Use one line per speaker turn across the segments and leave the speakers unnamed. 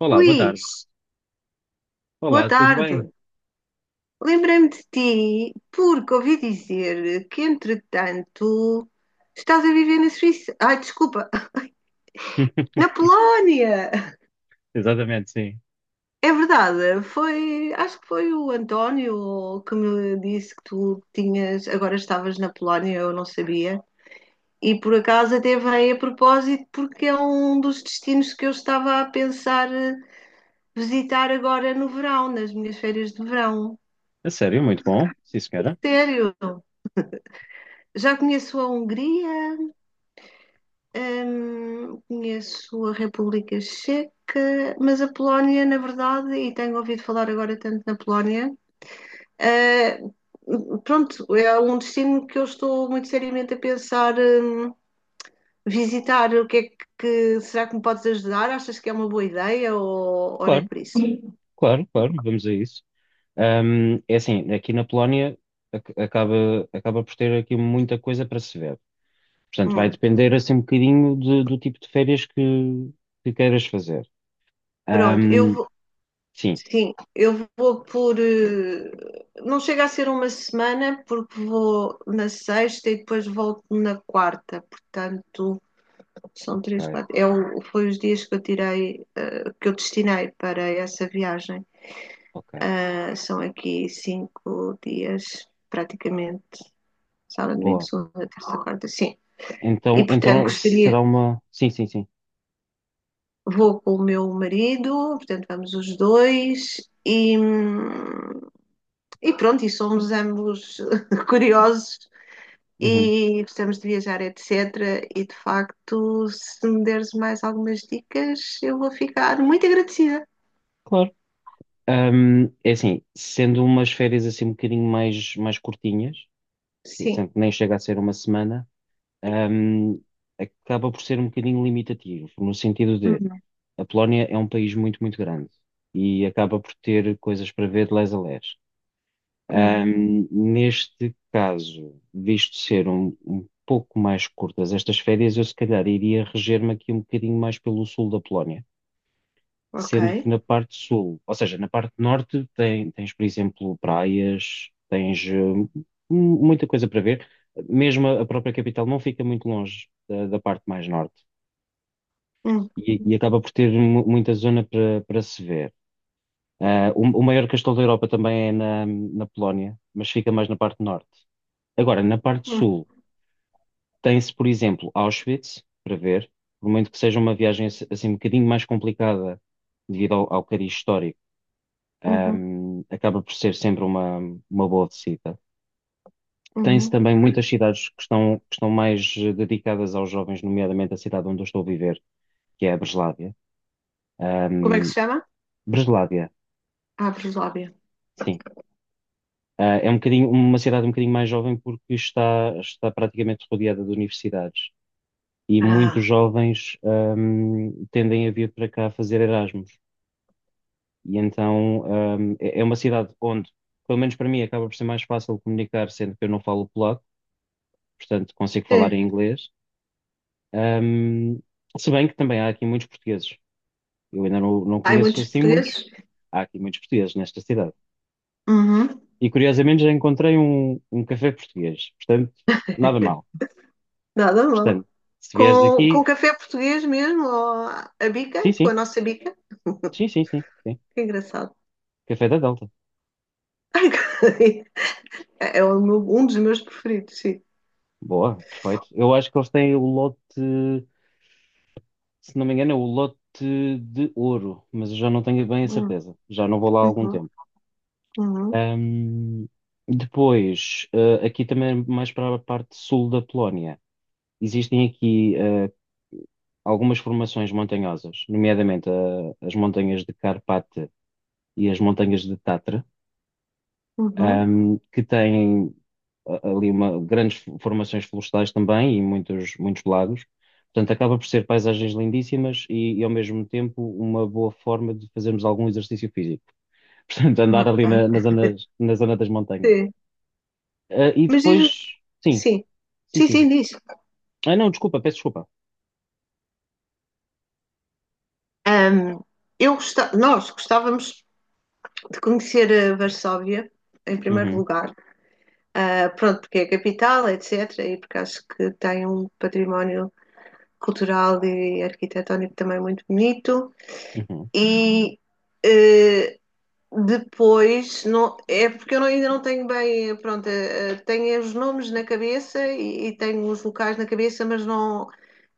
Olá, boa tarde.
Luís, boa
Olá, tudo
tarde.
bem?
Lembrei-me de ti porque ouvi dizer que, entretanto, estás a viver na Suíça. Ai, desculpa, na Polónia!
Exatamente, sim.
É verdade, foi, acho que foi o António que me disse que tu tinhas, agora estavas na Polónia, eu não sabia. E por acaso até veio a propósito porque é um dos destinos que eu estava a pensar visitar agora no verão, nas minhas férias de verão.
A sério, muito bom. Sim, senhora.
Sério? Já conheço a Hungria, conheço a República Checa, mas a Polónia, na verdade, e tenho ouvido falar agora tanto na Polónia, eh, pronto, é um destino que eu estou muito seriamente a pensar, visitar. O que é que, Será que me podes ajudar? Achas que é uma boa ideia ou nem
Claro,
por isso?
claro, claro, vamos a isso. É assim, aqui na Polónia acaba por ter aqui muita coisa para se ver. Portanto, vai
Hum,
depender assim um bocadinho do tipo de férias que queiras fazer.
pronto,
Ahm,
eu...
sim,
Sim, eu vou por. Não chega a ser uma semana, porque vou na sexta e depois volto na quarta. Portanto, são três,
ok,
quatro. Foi os dias que eu tirei, que eu destinei para essa viagem.
ok.
Ah, são aqui 5 dias, praticamente. Sábado, domingo,
Boa.
segunda, terça, quarta. Sim. E,
Então,
portanto,
então
gostaria.
será uma. Sim, sim, sim.
Vou com o meu marido, portanto, vamos os dois. E... e pronto, e somos ambos curiosos
Uhum,
e gostamos de viajar, etc. E de facto, se me deres mais algumas dicas, eu vou ficar muito agradecida.
claro. É assim, sendo umas férias assim um bocadinho mais curtinhas, que
Sim.
sempre nem chega a ser uma semana, hum, acaba por ser um bocadinho limitativo, no sentido de
Uhum,
a Polónia é um país muito, muito grande e acaba por ter coisas para ver de lés a lés.
uhum,
Neste caso, visto ser um pouco mais curtas estas férias, eu se calhar iria reger-me aqui um bocadinho mais pelo sul da Polónia,
ok.
sendo que na parte sul, ou seja, na parte norte, tens, por exemplo, praias, tens muita coisa para ver. Mesmo a própria capital não fica muito longe da parte mais norte
Uhum,
e acaba por ter muita zona para se ver. Ah, o maior castelo da Europa também é na Polónia, mas fica mais na parte norte. Agora, na parte
uhum,
sul, tem-se, por exemplo, Auschwitz para ver, por muito que seja uma viagem assim um bocadinho mais complicada devido ao cariz histórico,
uhum,
acaba por ser sempre uma boa visita. Tem-se
uhum.
também muitas cidades que estão mais, dedicadas aos jovens, nomeadamente a cidade onde eu estou a viver, que é a Breslávia.
Como é que
Ahm,
se chama?
Breslávia,
Ah, Breslávia.
sim. Ah, é um bocadinho, uma cidade um bocadinho mais jovem porque está praticamente rodeada de universidades. E
Ah,
muitos jovens, tendem a vir para cá fazer Erasmus. E então, é uma cidade onde, pelo menos para mim, acaba por ser mais fácil comunicar, sendo que eu não falo polaco, portanto consigo falar em
sim.
inglês. Ahm, se bem que também há aqui muitos portugueses. Eu ainda não
Há
conheço
muitos
assim muitos.
portugueses.
Há aqui muitos portugueses nesta cidade.
Uhum.
E curiosamente já encontrei um café português. Portanto, nada mal.
Nada
Portanto,
mal.
se vieres aqui,
Com café português mesmo, ou a
sim,
bica, com
sim,
a nossa bica.
sim, sim, sim, sim.
Que engraçado.
Café da Delta.
É o meu... um dos meus preferidos, sim.
Boa, perfeito. Eu acho que eles têm o lote, se não me engano, é o lote de ouro, mas eu já não tenho bem a
Hum,
certeza. Já não vou lá há algum
uhum,
tempo.
uhum,
Ahm, depois, aqui também é mais para a parte sul da Polónia, existem aqui algumas formações montanhosas, nomeadamente as montanhas de Carpate e as montanhas de Tatra,
uhum,
que têm ali grandes formações florestais também e muitos, muitos lagos. Portanto, acaba por ser paisagens lindíssimas e, ao mesmo tempo uma boa forma de fazermos algum exercício físico. Portanto, andar ali na, na
ok.
zona, na zona das montanhas.
Sim.
Ah, e
Mas
depois,
diz,
sim,
sim,
sim,
sim,
sim.
sim, diz.
Ah, não, desculpa, peço desculpa.
Hum, Eu gosta-, nós gostávamos de conhecer a Varsóvia, em primeiro
Uhum,
lugar. Ah, pronto, porque é a capital, etc. E porque acho que tem um património cultural e arquitetónico também muito bonito.
uhum,
E eh, depois, não, é porque eu não-, ainda não tenho bem, pronto, tenho os nomes na cabeça e tenho os locais na cabeça, mas não.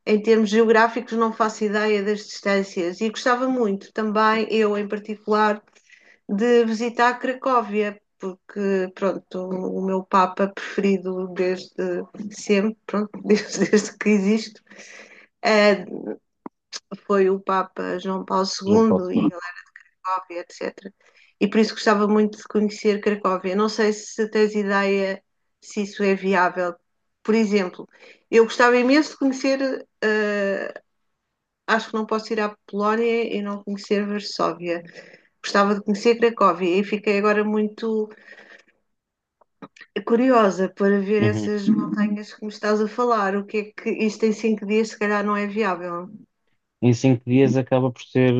Em termos geográficos, não faço ideia das distâncias e gostava muito também, eu em particular, de visitar Cracóvia, porque, pronto, o meu Papa preferido desde sempre, pronto, desde que existo, eh, foi o Papa João Paulo
já me passo
II e
quando.
Cracóvia, etc. E por isso gostava muito de conhecer Cracóvia. Não sei se tens ideia se isso é viável. Por exemplo, eu gostava imenso de conhecer acho que não posso ir à Polónia e não conhecer Varsóvia. Gostava de conhecer Cracóvia e fiquei agora muito curiosa para ver
Uhum.
essas montanhas que me estás a falar. O que é que isto em 5 dias se calhar não é viável?
Em 5 dias acaba por ser,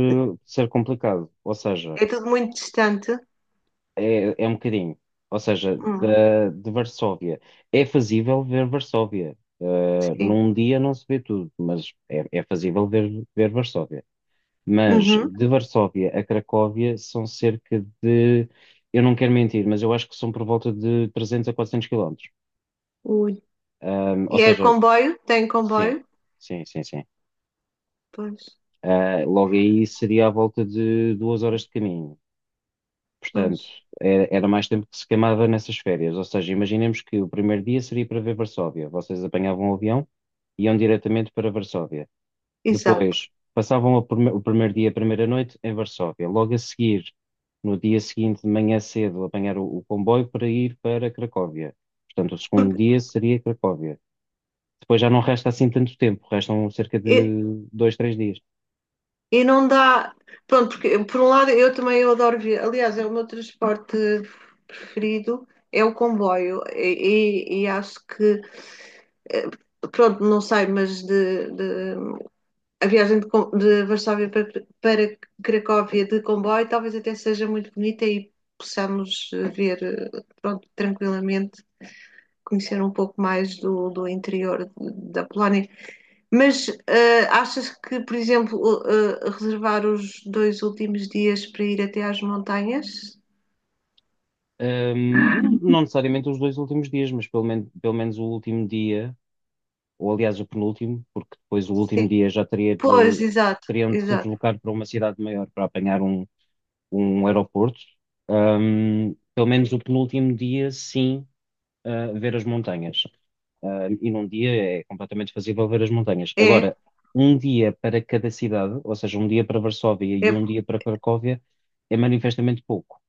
ser complicado, ou seja,
É tudo muito distante.
é um bocadinho. Ou seja,
Hum,
de Varsóvia. É fazível ver Varsóvia. Ah,
sim.
num dia não se vê tudo, mas é fazível ver Varsóvia. Mas
Uhum.
de Varsóvia a Cracóvia são cerca de, eu não quero mentir, mas eu acho que são por volta de 300 a 400 quilómetros.
Ui.
Ou
E é
seja,
comboio? Tem
sim,
comboio?
sim, sim, sim.
Pois,
Ah, logo aí seria à volta de 2 horas de caminho. Portanto,
pois.
era mais tempo que se queimava nessas férias. Ou seja, imaginemos que o primeiro dia seria para ver Varsóvia. Vocês apanhavam o avião e iam diretamente para Varsóvia.
Exato.
Depois, passavam o primeiro dia, a primeira noite em Varsóvia. Logo a seguir, no dia seguinte, de manhã cedo, apanhar o comboio para ir para Cracóvia. Portanto, o segundo
Porque
dia seria Cracóvia. Depois já não resta assim tanto tempo, restam cerca
eh,
de dois, três dias.
e não dá. Pronto, porque por um lado eu também eu adoro ver. Aliás, é o meu transporte preferido, é o comboio. E, e-, e acho que, eh, pronto, não sei, a viagem de, de Varsóvia para, para Cracóvia de comboio talvez até seja muito bonita e possamos ver, pronto, tranquilamente, conhecer um pouco mais do, do interior da Polónia. Mas achas que, por exemplo, reservar os dois últimos dias para ir até às montanhas?
Não, não necessariamente os dois últimos dias, mas pelo menos o último dia, ou aliás o penúltimo, porque depois o
Sim.
último dia já teria de,
Pois, exato,
teriam de se
exato.
deslocar para uma cidade maior para apanhar um aeroporto. Pelo menos o penúltimo dia, sim, ah, ver as montanhas. Ah, e num dia é completamente fazível ver as montanhas.
É,
Agora, um dia para cada cidade, ou seja, um dia para Varsóvia e
é,
um dia para Cracóvia, é manifestamente pouco,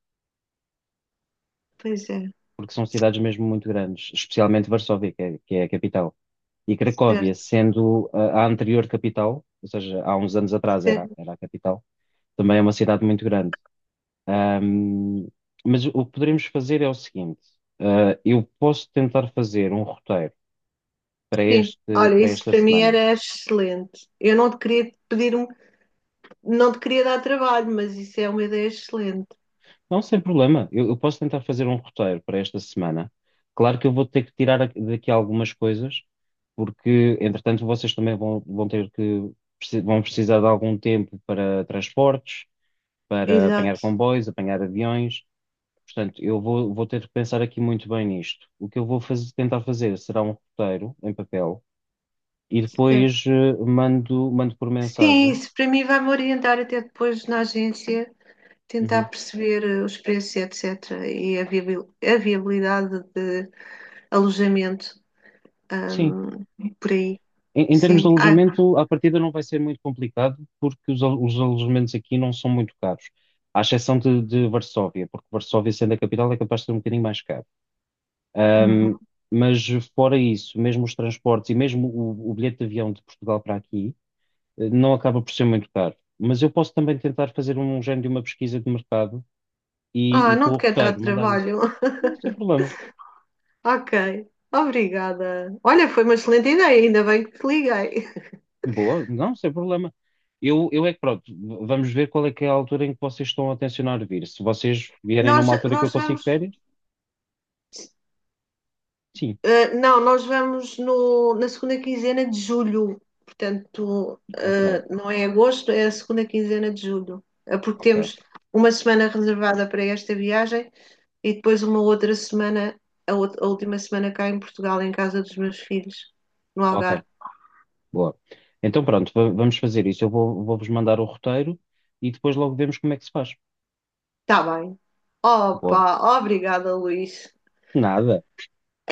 pois é,
porque são cidades mesmo muito grandes, especialmente Varsóvia, que é a capital. E Cracóvia,
certo,
sendo a anterior capital, ou seja, há uns anos atrás era,
certo,
era a capital, também é uma cidade muito grande. Ahm, mas o que poderíamos fazer é o seguinte: ah, eu posso tentar fazer um roteiro para
sim.
este,
Olha,
para
isso
esta
para mim
semana.
era excelente. Eu não te queria pedir um, não te queria dar trabalho, mas isso é uma ideia excelente.
Não, sem problema. Eu posso tentar fazer um roteiro para esta semana. Claro que eu vou ter que tirar daqui algumas coisas, porque, entretanto, vocês também vão precisar de algum tempo para transportes, para apanhar
Exato,
comboios, apanhar aviões. Portanto, eu vou ter que pensar aqui muito bem nisto. O que eu vou tentar fazer será um roteiro em papel e
certo.
depois mando por
Sim,
mensagem.
isso para mim vai-me orientar até depois na agência, tentar
Uhum.
perceber os preços, etc., e a viabil-, a viabilidade de alojamento,
Sim.
hum, por aí.
Em termos de
Sim. Ah,
alojamento, à partida não vai ser muito complicado, porque os alojamentos aqui não são muito caros, à exceção de Varsóvia, porque Varsóvia, sendo a capital, é capaz de ser um bocadinho mais caro. Ahm,
uhum.
mas fora isso, mesmo os transportes e mesmo o bilhete de avião de Portugal para aqui, não acaba por ser muito caro. Mas eu posso também tentar fazer um género de uma pesquisa de mercado e,
Ah,
e com
não
o
te quero dar
roteiro mandar isso.
trabalho.
Não, sem problema.
Ok. Obrigada. Olha, foi uma excelente ideia, ainda bem que te liguei.
Boa, não, sem problema. Eu é que pronto, vamos ver qual é que é a altura em que vocês estão a tencionar vir. Se vocês vierem
Nós,
numa altura que eu
nós
consigo
vamos,
férias, sim.
não, nós vamos no, na segunda quinzena de julho, portanto,
Ok,
não é agosto, é a segunda quinzena de julho. Eh, porque
ok,
temos uma semana reservada para esta viagem e depois uma outra semana, a última semana cá em Portugal, em casa dos meus filhos, no Algarve.
ok, boa. Então pronto, vamos fazer isso. Eu vou-vos mandar o roteiro e depois logo vemos como é que se faz.
Está bem.
Boa.
Opa, obrigada, Luís.
Nada,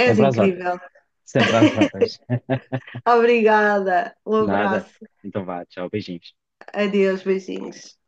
És
sempre às ordens.
incrível.
Sempre às ordens.
Obrigada. Um
Nada.
abraço.
Então vá, tchau, beijinhos.
Adeus, beijinhos.